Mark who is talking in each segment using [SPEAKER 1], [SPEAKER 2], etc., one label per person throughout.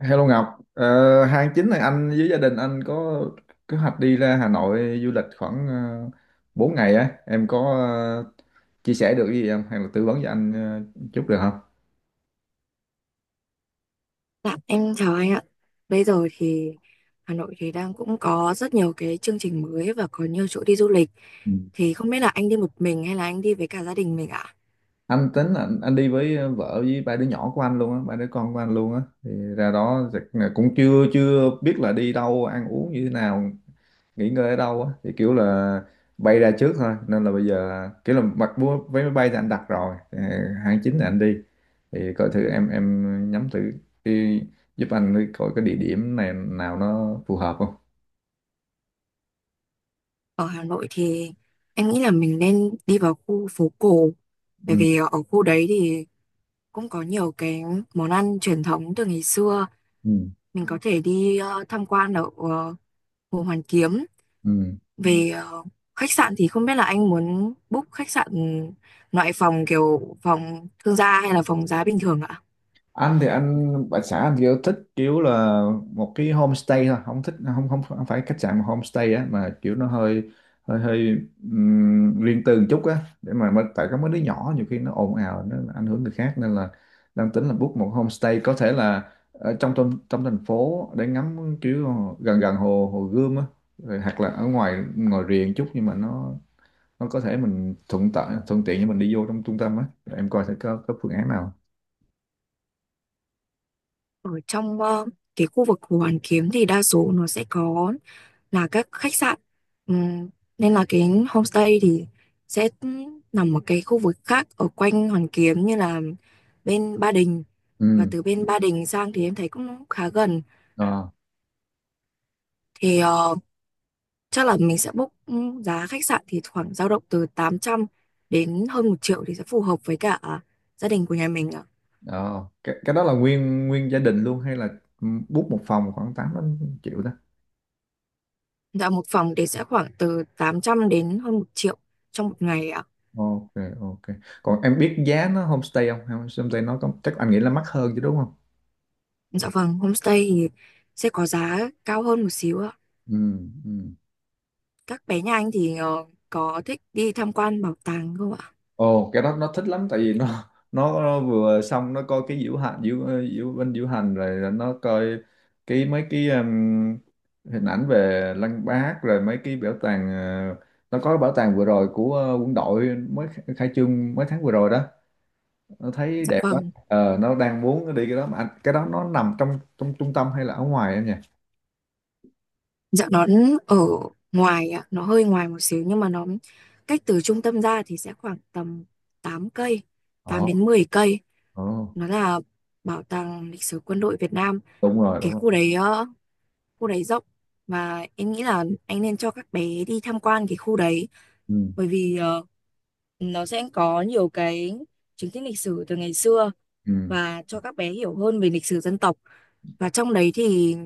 [SPEAKER 1] Hello Ngọc, hai tháng chín này anh với gia đình anh có kế hoạch đi ra Hà Nội du lịch khoảng uh, 4 ngày á, em có chia sẻ được gì không hay là tư vấn cho anh chút được không?
[SPEAKER 2] Dạ, em chào anh ạ. Bây giờ thì Hà Nội thì đang cũng có rất nhiều cái chương trình mới và có nhiều chỗ đi du lịch.
[SPEAKER 1] Ừ.
[SPEAKER 2] Thì không biết là anh đi một mình hay là anh đi với cả gia đình mình ạ.
[SPEAKER 1] Anh tính là anh đi với vợ với ba đứa nhỏ của anh luôn á, ba đứa con của anh luôn á, thì ra đó chắc là cũng chưa chưa biết là đi đâu ăn uống như thế nào, nghỉ ngơi ở đâu á thì kiểu là bay ra trước thôi, nên là bây giờ kiểu là mặc mua vé máy bay thì anh đặt rồi. Ờ, Tháng 9 là anh đi, thì coi thử em nhắm thử đi, giúp anh coi cái địa điểm này nào nó phù hợp không.
[SPEAKER 2] Ở Hà Nội thì em nghĩ là mình nên đi vào khu phố cổ. Bởi
[SPEAKER 1] Ừ,
[SPEAKER 2] vì ở khu đấy thì cũng có nhiều cái món ăn truyền thống từ ngày xưa.
[SPEAKER 1] ừ,
[SPEAKER 2] Mình có thể đi tham quan ở Hồ Hoàn Kiếm.
[SPEAKER 1] ừ.
[SPEAKER 2] Về khách sạn thì không biết là anh muốn book khách sạn loại phòng kiểu phòng thương gia hay là phòng giá bình thường ạ?
[SPEAKER 1] Anh thì anh bà xã anh kiểu thích kiểu là một cái homestay thôi, không thích, không không không phải khách sạn mà homestay á, mà kiểu nó hơi hơi hơi riêng tư một chút á để mà tại có mấy đứa nhỏ nhiều khi nó ồn ào nó ảnh hưởng người khác, nên là đang tính là book một homestay, có thể là ở trong trong trong thành phố để ngắm kiểu gần, gần hồ, hồ Gươm á, rồi hoặc là ở ngoài ngoài riêng chút nhưng mà nó có thể mình thuận tiện, thuận tiện cho mình đi vô trong trung tâm á. Em coi thử có phương án nào.
[SPEAKER 2] Ở trong cái khu vực Hồ Hoàn Kiếm thì đa số nó sẽ có là các khách sạn. Ừm, Nên là cái homestay thì sẽ nằm ở cái khu vực khác ở quanh Hoàn Kiếm như là bên Ba Đình, và từ bên Ba Đình sang thì em thấy cũng khá gần.
[SPEAKER 1] Ừ.
[SPEAKER 2] Thì chắc là mình sẽ book, giá khách sạn thì khoảng dao động từ 800 đến hơn 1 triệu thì sẽ phù hợp với cả gia đình của nhà mình ạ.
[SPEAKER 1] Ờ, cái đó là nguyên nguyên gia đình luôn hay là, ừ, book một phòng khoảng 8 đến triệu đó?
[SPEAKER 2] Dạ một phòng thì sẽ khoảng từ 800 đến hơn một triệu trong một ngày ạ.
[SPEAKER 1] Ok, ok. Còn em biết giá nó homestay không? Hay Homestay nó có, chắc anh nghĩ là mắc hơn chứ đúng không?
[SPEAKER 2] Dạ vâng, homestay thì sẽ có giá cao hơn một xíu ạ.
[SPEAKER 1] Ừ, ừ.
[SPEAKER 2] Các bé nhà anh thì có thích đi tham quan bảo tàng không ạ?
[SPEAKER 1] Ồ cái đó nó thích lắm tại vì nó vừa xong nó coi cái diễu hành, diễu ờ, diễu bên diễu hành, rồi nó coi cái mấy cái hình ảnh về Lăng Bác, rồi mấy cái bảo tàng, nó có bảo tàng vừa rồi của, quân đội mới khai trương mấy tháng vừa rồi đó, nó thấy
[SPEAKER 2] Dạ
[SPEAKER 1] đẹp quá.
[SPEAKER 2] vâng.
[SPEAKER 1] Nó đang muốn đi cái đó mà anh, cái đó nó nằm trong trong trung tâm hay là ở ngoài em nhỉ?
[SPEAKER 2] Dạ nó ở ngoài ạ, nó hơi ngoài một xíu nhưng mà nó cách từ trung tâm ra thì sẽ khoảng tầm 8 cây,
[SPEAKER 1] Ờ,
[SPEAKER 2] 8 đến 10 cây.
[SPEAKER 1] ờ,
[SPEAKER 2] Nó là bảo tàng lịch sử quân đội Việt Nam.
[SPEAKER 1] đúng rồi, đúng
[SPEAKER 2] Cái
[SPEAKER 1] rồi.
[SPEAKER 2] khu đấy khu đấy rộng và em nghĩ là anh nên cho các bé đi tham quan cái khu đấy,
[SPEAKER 1] Ừ,
[SPEAKER 2] bởi vì nó sẽ có nhiều cái chứng tích lịch sử từ ngày xưa
[SPEAKER 1] ừ.
[SPEAKER 2] và cho các bé hiểu hơn về lịch sử dân tộc. Và trong đấy thì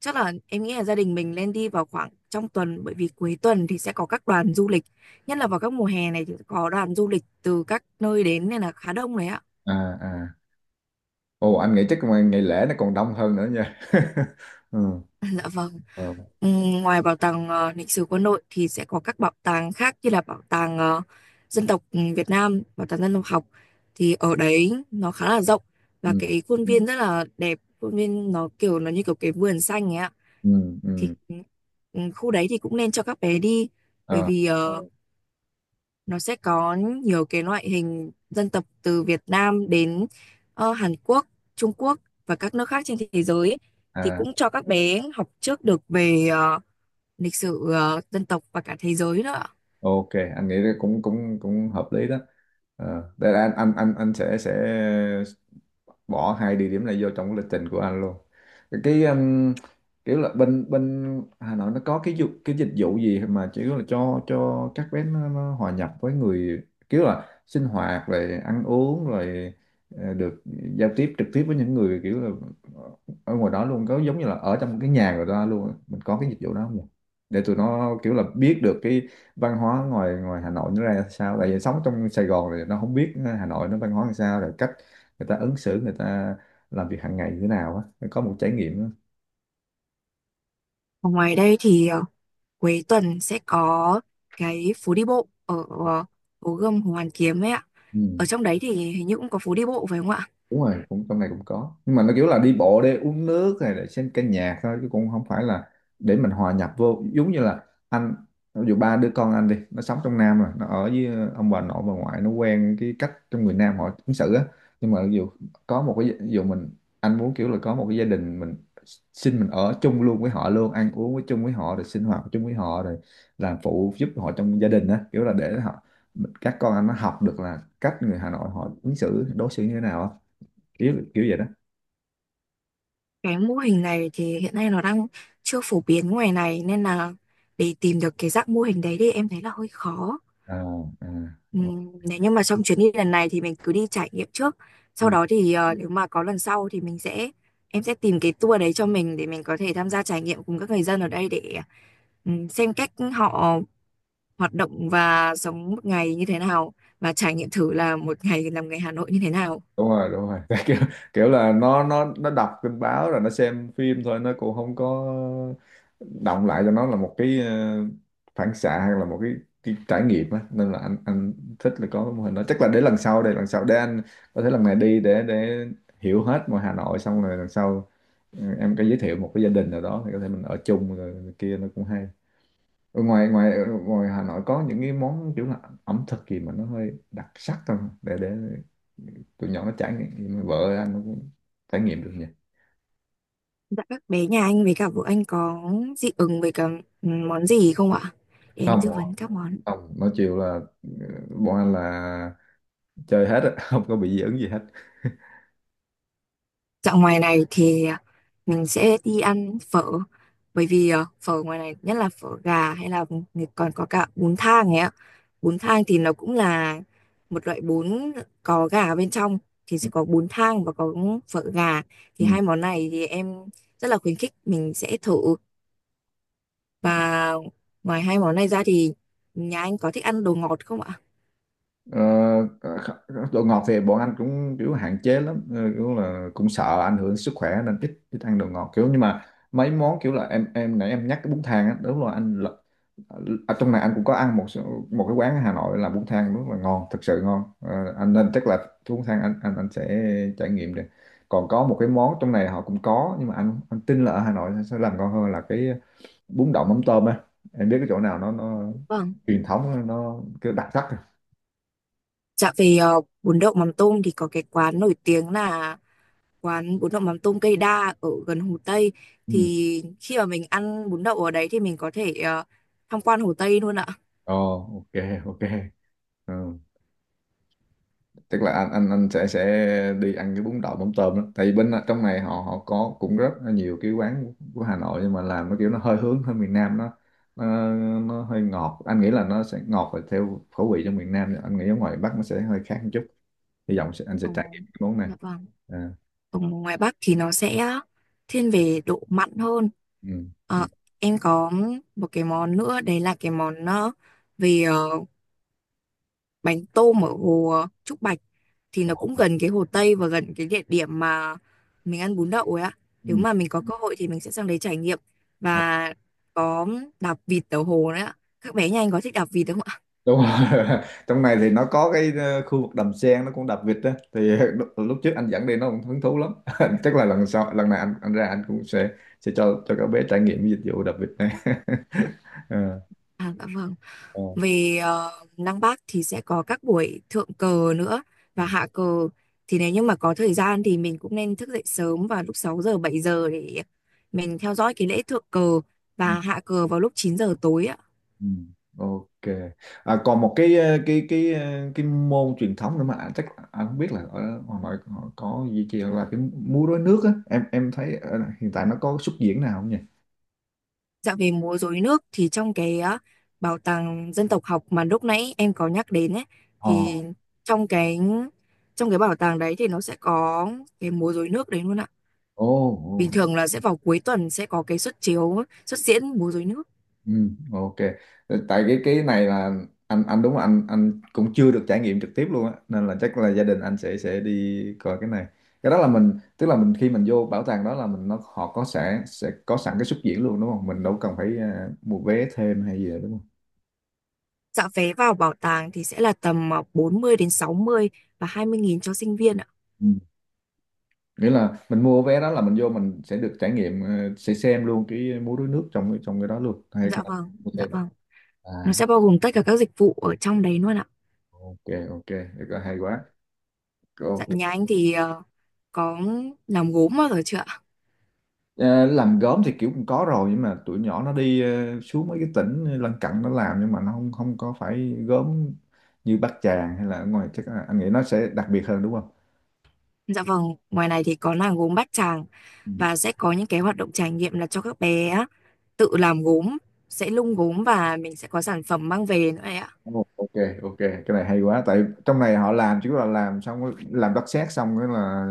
[SPEAKER 2] chắc là em nghĩ là gia đình mình nên đi vào khoảng trong tuần, bởi vì cuối tuần thì sẽ có các đoàn du lịch, nhất là vào các mùa hè này thì có đoàn du lịch từ các nơi đến nên là khá đông đấy ạ.
[SPEAKER 1] À, à. Ồ anh nghĩ chắc mà ngày lễ nó còn đông hơn nữa nha. Ừ,
[SPEAKER 2] Dạ vâng.
[SPEAKER 1] ờ,
[SPEAKER 2] Ừ, Ngoài bảo tàng lịch sử quân đội thì sẽ có các bảo tàng khác như là bảo tàng dân tộc Việt Nam, bảo tàng dân tộc học, thì ở đấy nó khá là rộng và
[SPEAKER 1] ừ,
[SPEAKER 2] cái khuôn viên rất là đẹp, khuôn viên nó kiểu nó như kiểu cái vườn xanh ấy ạ.
[SPEAKER 1] ừ,
[SPEAKER 2] Thì
[SPEAKER 1] ừ,
[SPEAKER 2] khu đấy thì cũng nên cho các bé đi, bởi
[SPEAKER 1] ờ,
[SPEAKER 2] vì nó sẽ có nhiều cái loại hình dân tộc từ Việt Nam đến Hàn Quốc, Trung Quốc và các nước khác trên thế giới ấy. Thì
[SPEAKER 1] à.
[SPEAKER 2] cũng cho các bé học trước được về lịch sử dân tộc và cả thế giới nữa.
[SPEAKER 1] Ok, anh nghĩ là cũng cũng cũng hợp lý đó. Ờ đây là anh sẽ bỏ hai địa điểm này vô trong cái lịch trình của anh luôn. Cái kiểu là bên bên Hà Nội nó có cái cái dịch vụ gì mà chỉ là cho các bé nó hòa nhập với người, kiểu là sinh hoạt rồi ăn uống rồi được giao tiếp trực tiếp với những người kiểu là ở ngoài đó luôn, có giống như là ở trong cái nhà người ta luôn á. Mình có cái dịch vụ đó không nhỉ? Để tụi nó kiểu là biết được cái văn hóa ngoài ngoài Hà Nội nó ra sao, tại vì sống trong Sài Gòn thì nó không biết Hà Nội nó văn hóa làm sao, rồi cách người ta ứng xử, người ta làm việc hàng ngày như thế nào á, có một trải nghiệm á.
[SPEAKER 2] Ở ngoài đây thì cuối tuần sẽ có cái phố đi bộ ở Hồ Gươm, Hồ Hoàn Kiếm ấy ạ. Ở
[SPEAKER 1] Ừ.
[SPEAKER 2] trong đấy thì hình như cũng có phố đi bộ phải không ạ?
[SPEAKER 1] Đúng rồi, cũng trong này cũng có nhưng mà nó kiểu là đi bộ để uống nước hay để xem ca nhạc thôi, chứ cũng không phải là để mình hòa nhập vô, giống như là anh ví dụ ba đứa con anh đi, nó sống trong Nam rồi nó ở với ông bà nội bà ngoại, nó quen cái cách trong người Nam họ ứng xử á, nhưng mà ví dụ có một cái ví dụ mình, anh muốn kiểu là có một cái gia đình mình, xin mình ở chung luôn với họ luôn, ăn uống với chung với họ, rồi sinh hoạt chung với họ, rồi làm phụ giúp họ trong gia đình á, kiểu là để họ, các con anh nó học được là cách người Hà Nội họ ứng xử, đối xử như thế nào á, kiểu kiểu vậy đó.
[SPEAKER 2] Cái mô hình này thì hiện nay nó đang chưa phổ biến ngoài này, nên là để tìm được cái dạng mô hình đấy thì em thấy là hơi khó.
[SPEAKER 1] À, à. ờ,
[SPEAKER 2] Nếu như mà trong chuyến đi lần này thì mình cứ đi trải nghiệm trước. Sau
[SPEAKER 1] Ừ.
[SPEAKER 2] đó thì nếu mà có lần sau thì mình sẽ em sẽ tìm cái tour đấy cho mình, để mình có thể tham gia trải nghiệm cùng các người dân ở đây để xem cách họ hoạt động và sống một ngày như thế nào, và trải nghiệm thử là một ngày làm người Hà Nội như thế nào.
[SPEAKER 1] Đúng rồi, đúng rồi. Kiểu kiểu là nó, nó đọc tin báo rồi nó xem phim thôi, nó cũng không có động lại cho nó là một cái phản xạ, hay là cái trải nghiệm á, nên là anh thích là có cái mô hình đó, chắc là để lần sau, đây lần sau để anh có thể lần này đi để hiểu hết mọi Hà Nội, xong rồi lần sau, ừ, em có giới thiệu một cái gia đình nào đó thì có thể mình ở chung rồi này kia, nó cũng hay. Ở ngoài ngoài ở ngoài Hà Nội có những cái món kiểu là ẩm thực gì mà nó hơi đặc sắc không, để để tụi nhỏ nó trải nghiệm, vợ anh nó cũng trải nghiệm được nhỉ?
[SPEAKER 2] Dạ các bé nhà anh với cả vợ anh có dị ứng với cả món gì không ạ? Để em
[SPEAKER 1] Không,
[SPEAKER 2] tư vấn các món.
[SPEAKER 1] không, nó chiều là, ờ, bọn anh là chơi hết á, không có bị dị ứng gì hết.
[SPEAKER 2] Dạo ngoài này thì mình sẽ đi ăn phở, bởi vì phở ngoài này nhất là phở gà, hay là còn có cả bún thang ấy ạ. Bún thang thì nó cũng là một loại bún có gà ở bên trong, thì sẽ có bún thang và có phở gà. Thì
[SPEAKER 1] Ừ.
[SPEAKER 2] hai món này thì em rất là khuyến khích mình sẽ thử, và ngoài hai món này ra thì nhà anh có thích ăn đồ ngọt không ạ?
[SPEAKER 1] Ờ, kh- đồ ngọt thì bọn anh cũng kiểu hạn chế lắm, kiểu là cũng sợ ảnh hưởng sức khỏe nên ít ít ăn đồ ngọt kiểu, nhưng mà mấy món kiểu là em nãy em nhắc cái bún thang á, đúng rồi anh, ở trong này anh cũng có ăn một số- một cái quán ở Hà Nội là bún thang rất là ngon, thực sự ngon. Ờ, anh nên chắc là cái bún thang anh sẽ trải nghiệm được. Còn có một cái món trong này họ cũng có, nhưng mà anh tin là ở Hà Nội sẽ làm ngon hơn, là cái bún đậu mắm tôm á, em biết cái chỗ nào nó,
[SPEAKER 2] Vâng.
[SPEAKER 1] truyền thống, nó kiểu đặc sắc rồi.
[SPEAKER 2] Dạ về bún đậu mắm tôm thì có cái quán nổi tiếng là quán bún đậu mắm tôm cây đa ở gần Hồ Tây,
[SPEAKER 1] Ừ.
[SPEAKER 2] thì khi mà mình ăn bún đậu ở đấy thì mình có thể tham quan Hồ Tây luôn ạ.
[SPEAKER 1] Ồ, ok, ok. Ừ. Tức là anh sẽ đi ăn cái bún đậu mắm tôm đó, tại vì bên trong này họ, họ có cũng rất là nhiều cái quán của Hà Nội, nhưng mà làm nó kiểu nó hơi hướng hơi miền Nam, nó nó, nó hơi ngọt, anh nghĩ là nó sẽ ngọt và theo khẩu vị trong miền Nam, anh nghĩ ở ngoài Bắc nó sẽ hơi khác một chút, hy vọng sẽ, anh sẽ
[SPEAKER 2] Ờ,
[SPEAKER 1] trải nghiệm cái món này.
[SPEAKER 2] dạ vâng.
[SPEAKER 1] À,
[SPEAKER 2] Ở ngoài Bắc thì nó sẽ thiên về độ mặn hơn.
[SPEAKER 1] ừ,
[SPEAKER 2] Ờ,
[SPEAKER 1] ừ.
[SPEAKER 2] em có một cái món nữa đấy là cái món về bánh tôm ở hồ Trúc Bạch, thì nó cũng
[SPEAKER 1] Ồ.
[SPEAKER 2] gần cái Hồ Tây và gần cái địa điểm mà mình ăn bún đậu ấy ạ.
[SPEAKER 1] Ừ.
[SPEAKER 2] Nếu mà mình có cơ hội thì mình sẽ sang đấy trải nghiệm và có đạp vịt ở hồ đấy ạ. Các bé nhà anh có thích đạp vịt không ạ?
[SPEAKER 1] Đúng rồi. Trong này thì nó có cái khu vực đầm sen nó cũng đập vịt á, thì lúc trước anh dẫn đi nó cũng hứng thú lắm. Chắc là lần sau, lần này anh ra anh cũng sẽ cho các bé trải nghiệm cái dịch vụ đập vịt này. Ờ,
[SPEAKER 2] À, dạ vâng.
[SPEAKER 1] ờ.
[SPEAKER 2] Về Lăng Bác thì sẽ có các buổi thượng cờ nữa
[SPEAKER 1] Ừ,
[SPEAKER 2] và hạ cờ. Thì nếu như mà có thời gian thì mình cũng nên thức dậy sớm vào lúc 6 giờ 7 giờ để mình theo dõi cái lễ thượng cờ,
[SPEAKER 1] ừ,
[SPEAKER 2] và hạ cờ vào lúc 9 giờ tối ạ.
[SPEAKER 1] ừ. Ok. À, còn một cái cái môn truyền thống nữa mà anh- chắc anh không biết là ở Hà Nội họ có duy trì là cái múa rối nước á, em thấy hiện tại nó có xuất diễn nào không nhỉ?
[SPEAKER 2] Dạo về múa rối nước thì trong cái bảo tàng dân tộc học mà lúc nãy em có nhắc đến ấy,
[SPEAKER 1] Ờ.
[SPEAKER 2] thì trong cái trong cái bảo tàng đấy thì nó sẽ có cái múa rối nước đấy luôn ạ.
[SPEAKER 1] Ồ,
[SPEAKER 2] Bình
[SPEAKER 1] ồ.
[SPEAKER 2] thường là sẽ vào cuối tuần sẽ có cái suất diễn múa rối nước.
[SPEAKER 1] Ừ, ok. Ờ, tại cái này là anh đúng là anh cũng chưa được trải nghiệm trực tiếp luôn á, nên là chắc là gia đình anh sẽ đi coi cái này. Cái đó là mình, tức là mình khi mình vô bảo tàng đó là mình, nó họ có sẽ có sẵn cái xuất diễn luôn đúng không? Mình đâu cần phải à, mua vé thêm hay gì nữa đúng không?
[SPEAKER 2] Dạ vé vào bảo tàng thì sẽ là tầm 40 đến 60 và 20.000 cho sinh viên ạ.
[SPEAKER 1] Ừ. Nghĩa là mình mua vé đó là mình vô mình sẽ được trải nghiệm, sẽ xem luôn cái múa rối nước trong trong cái đó luôn hay là-
[SPEAKER 2] Dạ vâng,
[SPEAKER 1] ok.
[SPEAKER 2] dạ vâng. Nó
[SPEAKER 1] À,
[SPEAKER 2] sẽ bao gồm tất cả các dịch vụ ở trong đấy luôn ạ.
[SPEAKER 1] ok, ok. Được rồi, hay quá.
[SPEAKER 2] Dạ
[SPEAKER 1] Ok.
[SPEAKER 2] nhà anh thì có làm gốm bao giờ chưa ạ?
[SPEAKER 1] Ờ, làm gốm thì kiểu cũng có rồi, nhưng mà tụi nhỏ nó đi xuống mấy cái tỉnh lân cận nó làm, nhưng mà nó không không có phải gốm như Bát Tràng, hay là ở ngoài chắc là, anh nghĩ nó sẽ đặc biệt hơn đúng không?
[SPEAKER 2] Dạ vâng, ngoài này thì có làng gốm Bát Tràng,
[SPEAKER 1] Ừ.
[SPEAKER 2] và sẽ có những cái hoạt động trải nghiệm là cho các bé á, tự làm gốm, sẽ nung gốm và mình sẽ có sản phẩm mang về nữa đấy ạ.
[SPEAKER 1] Ồ, ok, ok, cái này hay quá, tại trong này họ làm chỉ là làm xong rồi- làm đất sét xong cái là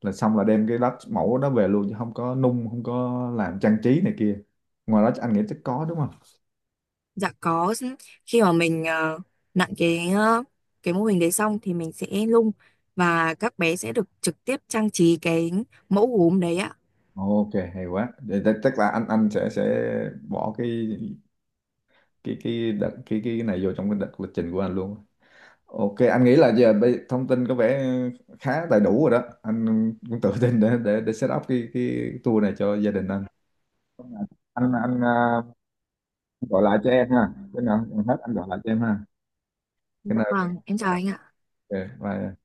[SPEAKER 1] là xong là đem cái đất mẫu đó về luôn, chứ không có nung, không có làm trang trí này kia. Ngoài đó anh nghĩ chắc có đúng không?
[SPEAKER 2] Dạ có, khi mà mình nặn cái mô hình đấy xong thì mình sẽ nung, và các bé sẽ được trực tiếp trang trí cái mẫu gốm đấy ạ.
[SPEAKER 1] Ok hay quá. Vậy chắc chắc là anh sẽ bỏ cái cái này vô trong cái đợt lịch trình của anh luôn. Ok anh nghĩ là giờ bây- thông tin có vẻ khá đầy đủ rồi đó, anh cũng tự tin để set up cái tour này cho gia đình anh. Anh gọi lại cho em ha, cái nào hết anh gọi lại cho em ha. Cái
[SPEAKER 2] Dạ
[SPEAKER 1] nào.
[SPEAKER 2] vâng, em chào anh ạ.
[SPEAKER 1] Ok bye.